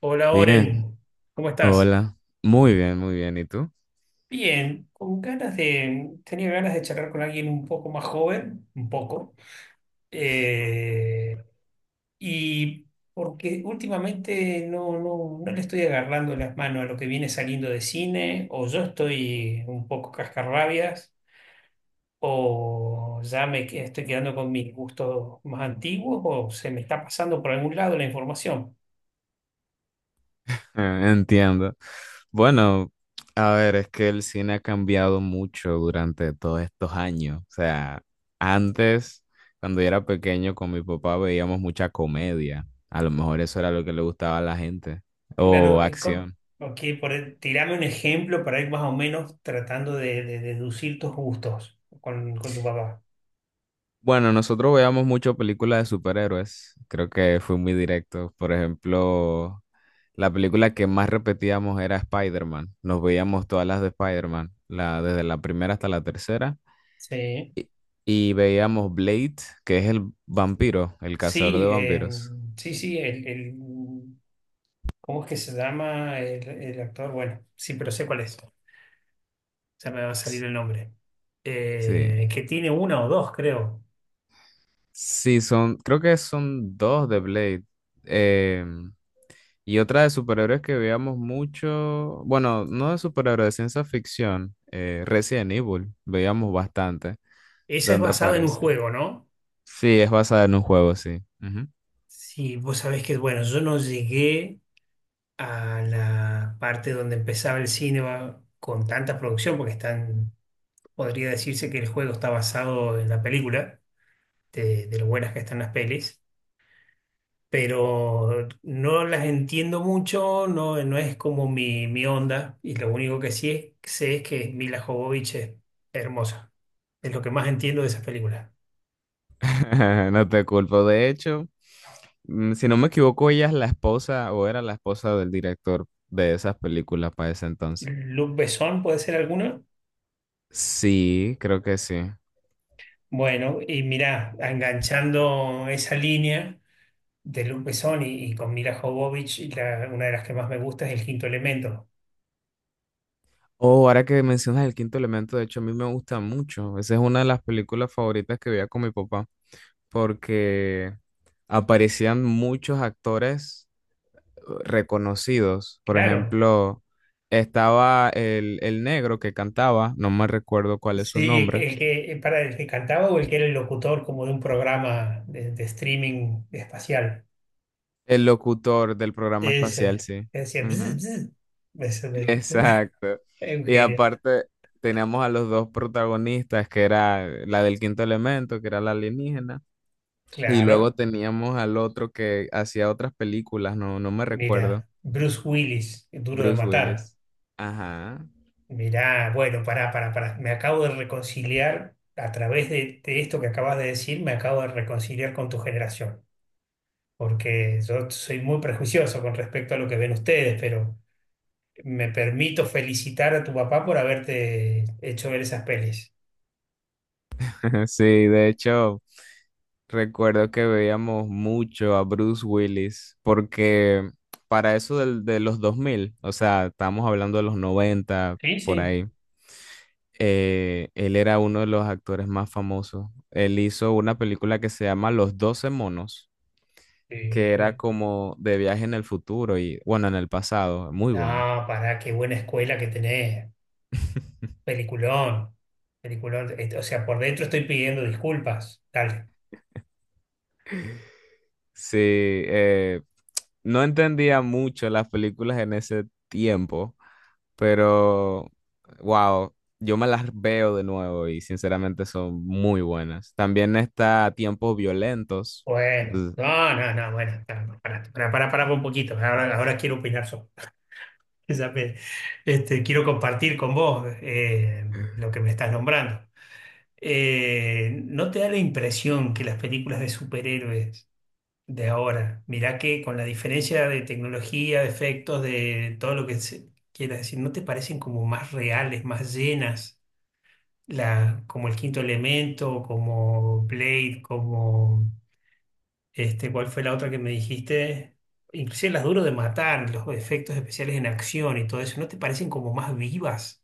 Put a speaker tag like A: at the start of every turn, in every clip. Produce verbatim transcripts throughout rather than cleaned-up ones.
A: Hola
B: Bien,
A: Oren, ¿cómo estás?
B: hola, muy bien, muy bien, ¿y tú?
A: Bien, con ganas de, tenía ganas de charlar con alguien un poco más joven, un poco, eh, y porque últimamente no, no, no le estoy agarrando las manos a lo que viene saliendo de cine, o yo estoy un poco cascarrabias, o ya me que- estoy quedando con mis gustos más antiguos, o se me está pasando por algún lado la información.
B: Eh, Entiendo. Bueno, a ver, es que el cine ha cambiado mucho durante todos estos años. O sea, antes, cuando yo era pequeño con mi papá veíamos mucha comedia. A lo mejor eso era lo que le gustaba a la gente, o
A: Claro, eh, com-
B: acción.
A: ok, por, e- tirame un ejemplo para ir más o menos tratando de, de deducir tus gustos con, con tu papá.
B: Bueno, nosotros veíamos mucho películas de superhéroes. Creo que fui muy directo. Por ejemplo, la película que más repetíamos era Spider-Man. Nos veíamos todas las de Spider-Man, la, desde la primera hasta la tercera.
A: Sí.
B: Y, y veíamos Blade, que es el vampiro, el cazador de
A: Sí, eh,
B: vampiros.
A: sí, sí, el, el- ¿cómo es que se llama el, el actor? Bueno, sí, pero sé cuál es. Ya me va a salir
B: S-
A: el nombre.
B: Sí,
A: Eh, que tiene una o dos, creo.
B: sí, son, creo que son dos de Blade. Eh, y otra de superhéroes que veíamos mucho, bueno, no de superhéroes, de ciencia ficción, eh, Resident Evil, veíamos bastante,
A: Esa es
B: donde
A: basada en un
B: aparece.
A: juego, ¿no?
B: Sí, es basada en un juego, sí. Ujú.
A: Sí, vos sabés que, bueno, yo no llegué a la parte donde empezaba el cine va- con tanta producción, porque están. Podría decirse que el juego está basado en la película, de, de lo buenas que están las pelis, pero no las entiendo mucho, no, no es como mi, mi onda, y lo único que sí es- sé es que Mila Jovovich es hermosa. Es lo que más entiendo de esas películas.
B: No te culpo. De hecho, mm, si no me equivoco, ella es la esposa o era la esposa del director de esas películas para ese entonces.
A: Luc Besson puede ser alguna.
B: Sí, creo que sí.
A: Bueno, y mirá, enganchando esa línea de Luc Besson y, y con Mila Jovovich, y la- una de las que más me gusta es El Quinto Elemento.
B: Oh, ahora que mencionas el quinto elemento, de hecho, a mí me gusta mucho. Esa es una de las películas favoritas que veía con mi papá, porque aparecían muchos actores eh, reconocidos. Por
A: Claro.
B: ejemplo, estaba el, el negro que cantaba, no me recuerdo cuál es su
A: Sí,
B: nombre.
A: el que, para el que cantaba o el que era el locutor como de un programa de, de streaming espacial.
B: El locutor del programa espacial,
A: Ese,
B: sí.
A: que decía, "Bzz,
B: Ujú.
A: bzz". Ese me-
B: Exacto.
A: es un
B: Y
A: genio.
B: aparte teníamos a los dos protagonistas, que era la del quinto elemento, que era la alienígena, y luego
A: Claro,
B: teníamos al otro que hacía otras películas, no, no me recuerdo,
A: mira, Bruce Willis, Duro de
B: Bruce
A: Matar.
B: Willis. Ajá.
A: Mirá, bueno, pará, pará, pará. Me acabo de reconciliar a través de, de esto que acabas de decir, me acabo de reconciliar con tu generación. Porque yo soy muy prejuicioso con respecto a lo que ven ustedes, pero. Me permito felicitar a tu papá por haberte hecho ver esas pelis.
B: Sí, de hecho, recuerdo que veíamos mucho a Bruce Willis porque para eso del- de los dos mil, o sea, estamos hablando de los noventa
A: Sí,
B: por
A: sí.
B: ahí, eh, él era uno de los actores más famosos. Él hizo una película que se llama Los doce monos, que era
A: Sí.
B: como de viaje en el futuro y bueno, en el pasado, muy
A: No,
B: buena.
A: pará, qué buena escuela que tenés. Peliculón. Peliculón. Este, o sea, por dentro estoy pidiendo disculpas. Dale.
B: Sí, eh, no entendía mucho las películas en ese tiempo, pero wow, yo me las veo de nuevo y sinceramente son muy buenas. También está Tiempos Violentos.
A: Bueno.
B: Mm.
A: No, no, no, bueno. Pará, pará, pará, pará pará un poquito. Ahora, ahora quiero opinar sobre. esa me- Este, quiero compartir con vos eh, lo que me estás nombrando. Eh, ¿no te da la impresión que las películas de superhéroes de ahora? Mirá que con la diferencia de tecnología, de efectos, de todo lo que se quiera decir, ¿no te parecen como más reales, más llenas? La, como el quinto elemento, como Blade, como este, ¿cuál fue la otra que me dijiste? Inclusive las duro de matar, los efectos especiales en acción y todo eso, ¿no te parecen como más vivas?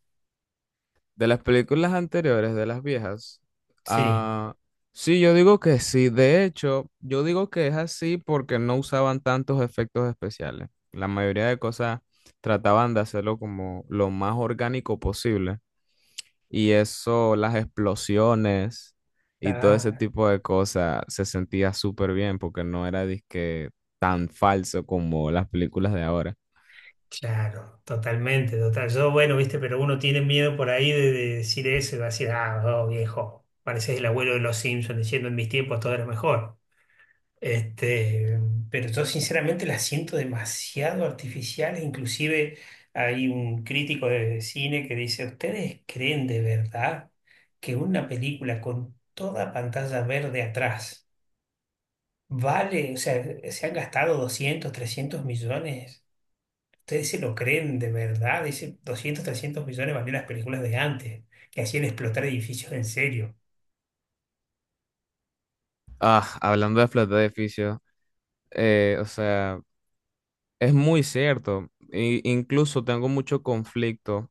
B: De las películas anteriores, de las viejas,
A: Sí.
B: ah, sí, yo digo que sí. De hecho, yo digo que es así porque no usaban tantos efectos especiales. La mayoría de cosas trataban de hacerlo como lo más orgánico posible. Y eso, las explosiones y todo ese
A: Está,
B: tipo de cosas, se sentía súper bien porque no era disque tan falso como las películas de ahora.
A: Claro, totalmente, total. Yo, bueno, viste, pero uno tiene miedo por ahí de, de decir eso y va a decir, ah, oh, viejo, pareces el abuelo de los Simpsons diciendo en mis tiempos todo era mejor. Este, pero yo sinceramente la siento demasiado artificial. Inclusive hay un crítico de cine que dice, ¿ustedes creen de verdad que una película con toda pantalla verde atrás vale, o sea, se han gastado doscientos, trescientos millones? Ustedes se lo creen de verdad, dice doscientos trescientos millones valían las películas de antes, que hacían explotar edificios en serio.
B: Ah, hablando de Flat de edificio, eh, o sea... Es muy cierto. I- incluso tengo mucho conflicto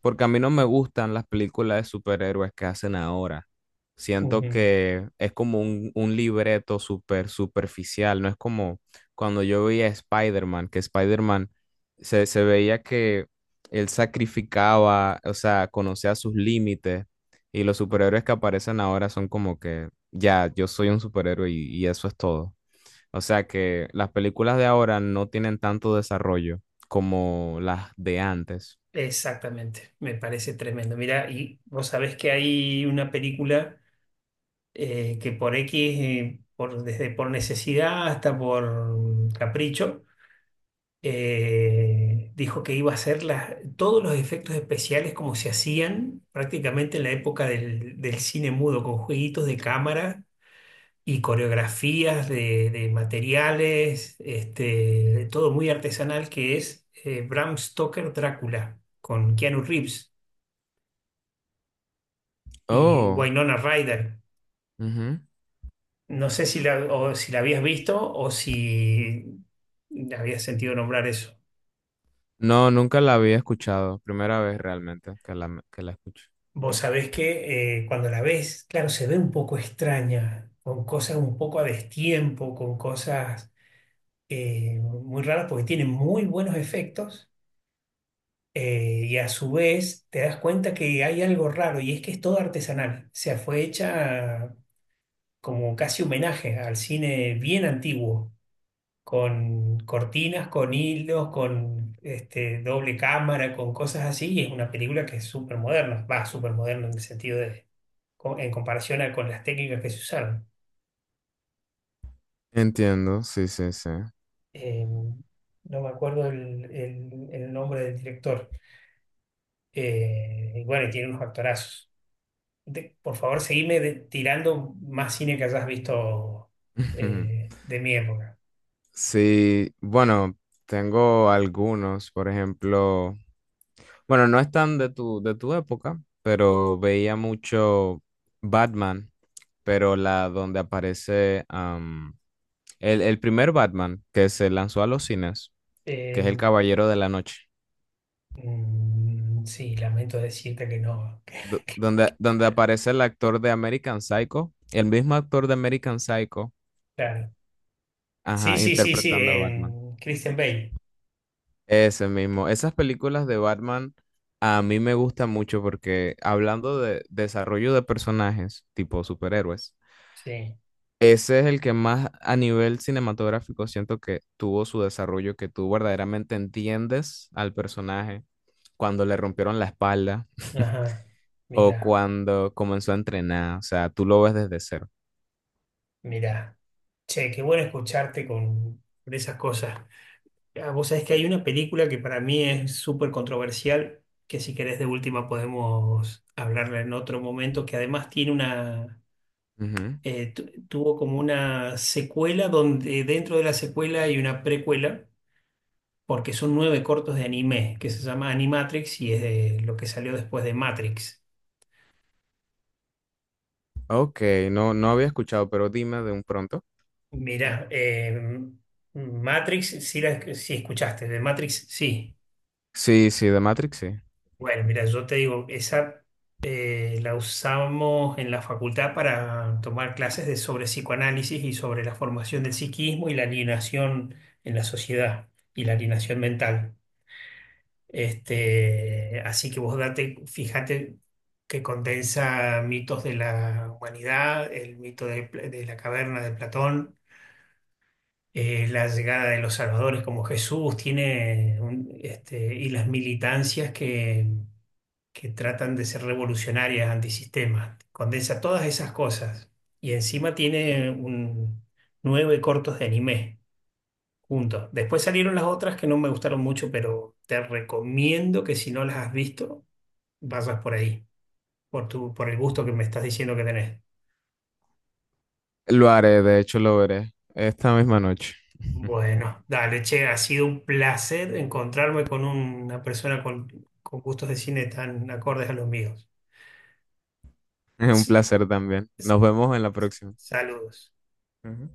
B: porque a mí no me gustan las películas de superhéroes que hacen ahora. Siento
A: Ujú.
B: que es como un, un libreto súper superficial. No es como cuando yo veía a Spider-Man, que Spider-Man se, se veía que él sacrificaba, o sea, conocía sus límites. Y los superhéroes que aparecen ahora son como que ya, yo soy un superhéroe y y eso es todo. O sea que las películas de ahora no tienen tanto desarrollo como las de antes.
A: Exactamente, me parece tremendo. Mira, y vos sabés que hay una película eh, que por X, eh, por, desde por necesidad hasta por capricho, eh, dijo que iba a hacer las- todos los efectos especiales como se hacían prácticamente en la época del, del cine mudo, con jueguitos de cámara y coreografías de, de materiales, este, de todo muy artesanal que es eh, Bram Stoker Drácula con Keanu Reeves y
B: Oh,
A: Winona Ryder.
B: ujú.
A: No sé si la, o si la habías visto o si habías sentido nombrar eso.
B: No, nunca la había escuchado. Primera vez realmente que la, que la escucho.
A: Vos sabés que eh, cuando la ves, claro, se ve un poco extraña, con cosas un poco a destiempo, con cosas eh, muy raras, porque tiene muy buenos efectos. Eh, y a su vez te das cuenta que hay algo raro y es que es todo artesanal. O sea, fue hecha como casi homenaje al cine bien antiguo, con cortinas, con hilos, con este, doble cámara, con cosas así. Y es una película que es súper moderna, va, súper moderna en el sentido de, co- en comparación a con las técnicas que se usaron.
B: Entiendo, sí, sí, sí.
A: Eh, no me acuerdo el, el- el nombre del director. Eh, y bueno, y tiene unos actorazos. De- por favor, seguime de- tirando más cine que hayas visto eh, de mi época.
B: Sí, bueno, tengo algunos, por ejemplo, bueno, no están de tu, de tu época, pero veía mucho Batman, pero la donde aparece El, el primer Batman que se lanzó a los cines, que es
A: Eh,
B: El Caballero de la Noche,
A: mm, sí, lamento decirte que no. Que-
B: do- donde, donde aparece el actor de American Psycho, el mismo actor de American Psycho,
A: claro. Sí,
B: ajá,
A: sí, sí, sí.
B: interpretando a
A: eh,
B: Batman.
A: Christian Bale.
B: Ese mismo. Esas películas de Batman a mí me gustan mucho porque hablando de desarrollo de personajes tipo superhéroes,
A: Sí.
B: ese es el que más a nivel cinematográfico siento que tuvo su desarrollo, que tú verdaderamente entiendes al personaje cuando le rompieron la espalda.
A: Ajá.
B: O
A: Mira,
B: cuando comenzó a entrenar, o sea, tú lo ves desde cero.
A: mira. Che, qué bueno escucharte con con esas cosas. Ah, vos sabés que hay una película que para mí es súper controversial, que si querés de última podemos hablarla en otro momento, que además tiene una
B: Ujú.
A: eh, tu- tuvo como una secuela donde dentro de la secuela hay una precuela, porque son nueve cortos de anime, que se llama Animatrix y es de lo que salió después de Matrix.
B: Ok, no, no había escuchado, pero dime de un pronto.
A: Mirá, eh, Matrix, sí, la- sí escuchaste, de Matrix, sí.
B: Sí, sí, de Matrix, sí.
A: Bueno, mira, yo te digo, esa eh, la usamos en la facultad para tomar clases de, sobre psicoanálisis y sobre la formación del psiquismo y la alienación en la sociedad y la alienación mental. Este, así que vos date, fíjate que condensa mitos de la humanidad, el mito de, Pla- de la caverna de Platón, eh, la llegada de los salvadores como Jesús, tiene un- este, y las militancias que, que tratan de ser revolucionarias, antisistema. Condensa todas esas cosas. Y encima tiene un, nueve cortos de anime juntos. Después salieron las otras que no me gustaron mucho, pero te recomiendo que si no las has visto vayas por ahí, por tu, por el gusto que me estás diciendo que tenés.
B: Lo haré, de hecho lo veré esta misma noche.
A: Bueno, dale, che, ha sido un placer encontrarme con una persona con, con gustos de cine tan acordes a los míos.
B: Es un
A: S-
B: placer también.
A: s-
B: Nos vemos en la próxima.
A: Saludos.
B: Ujú.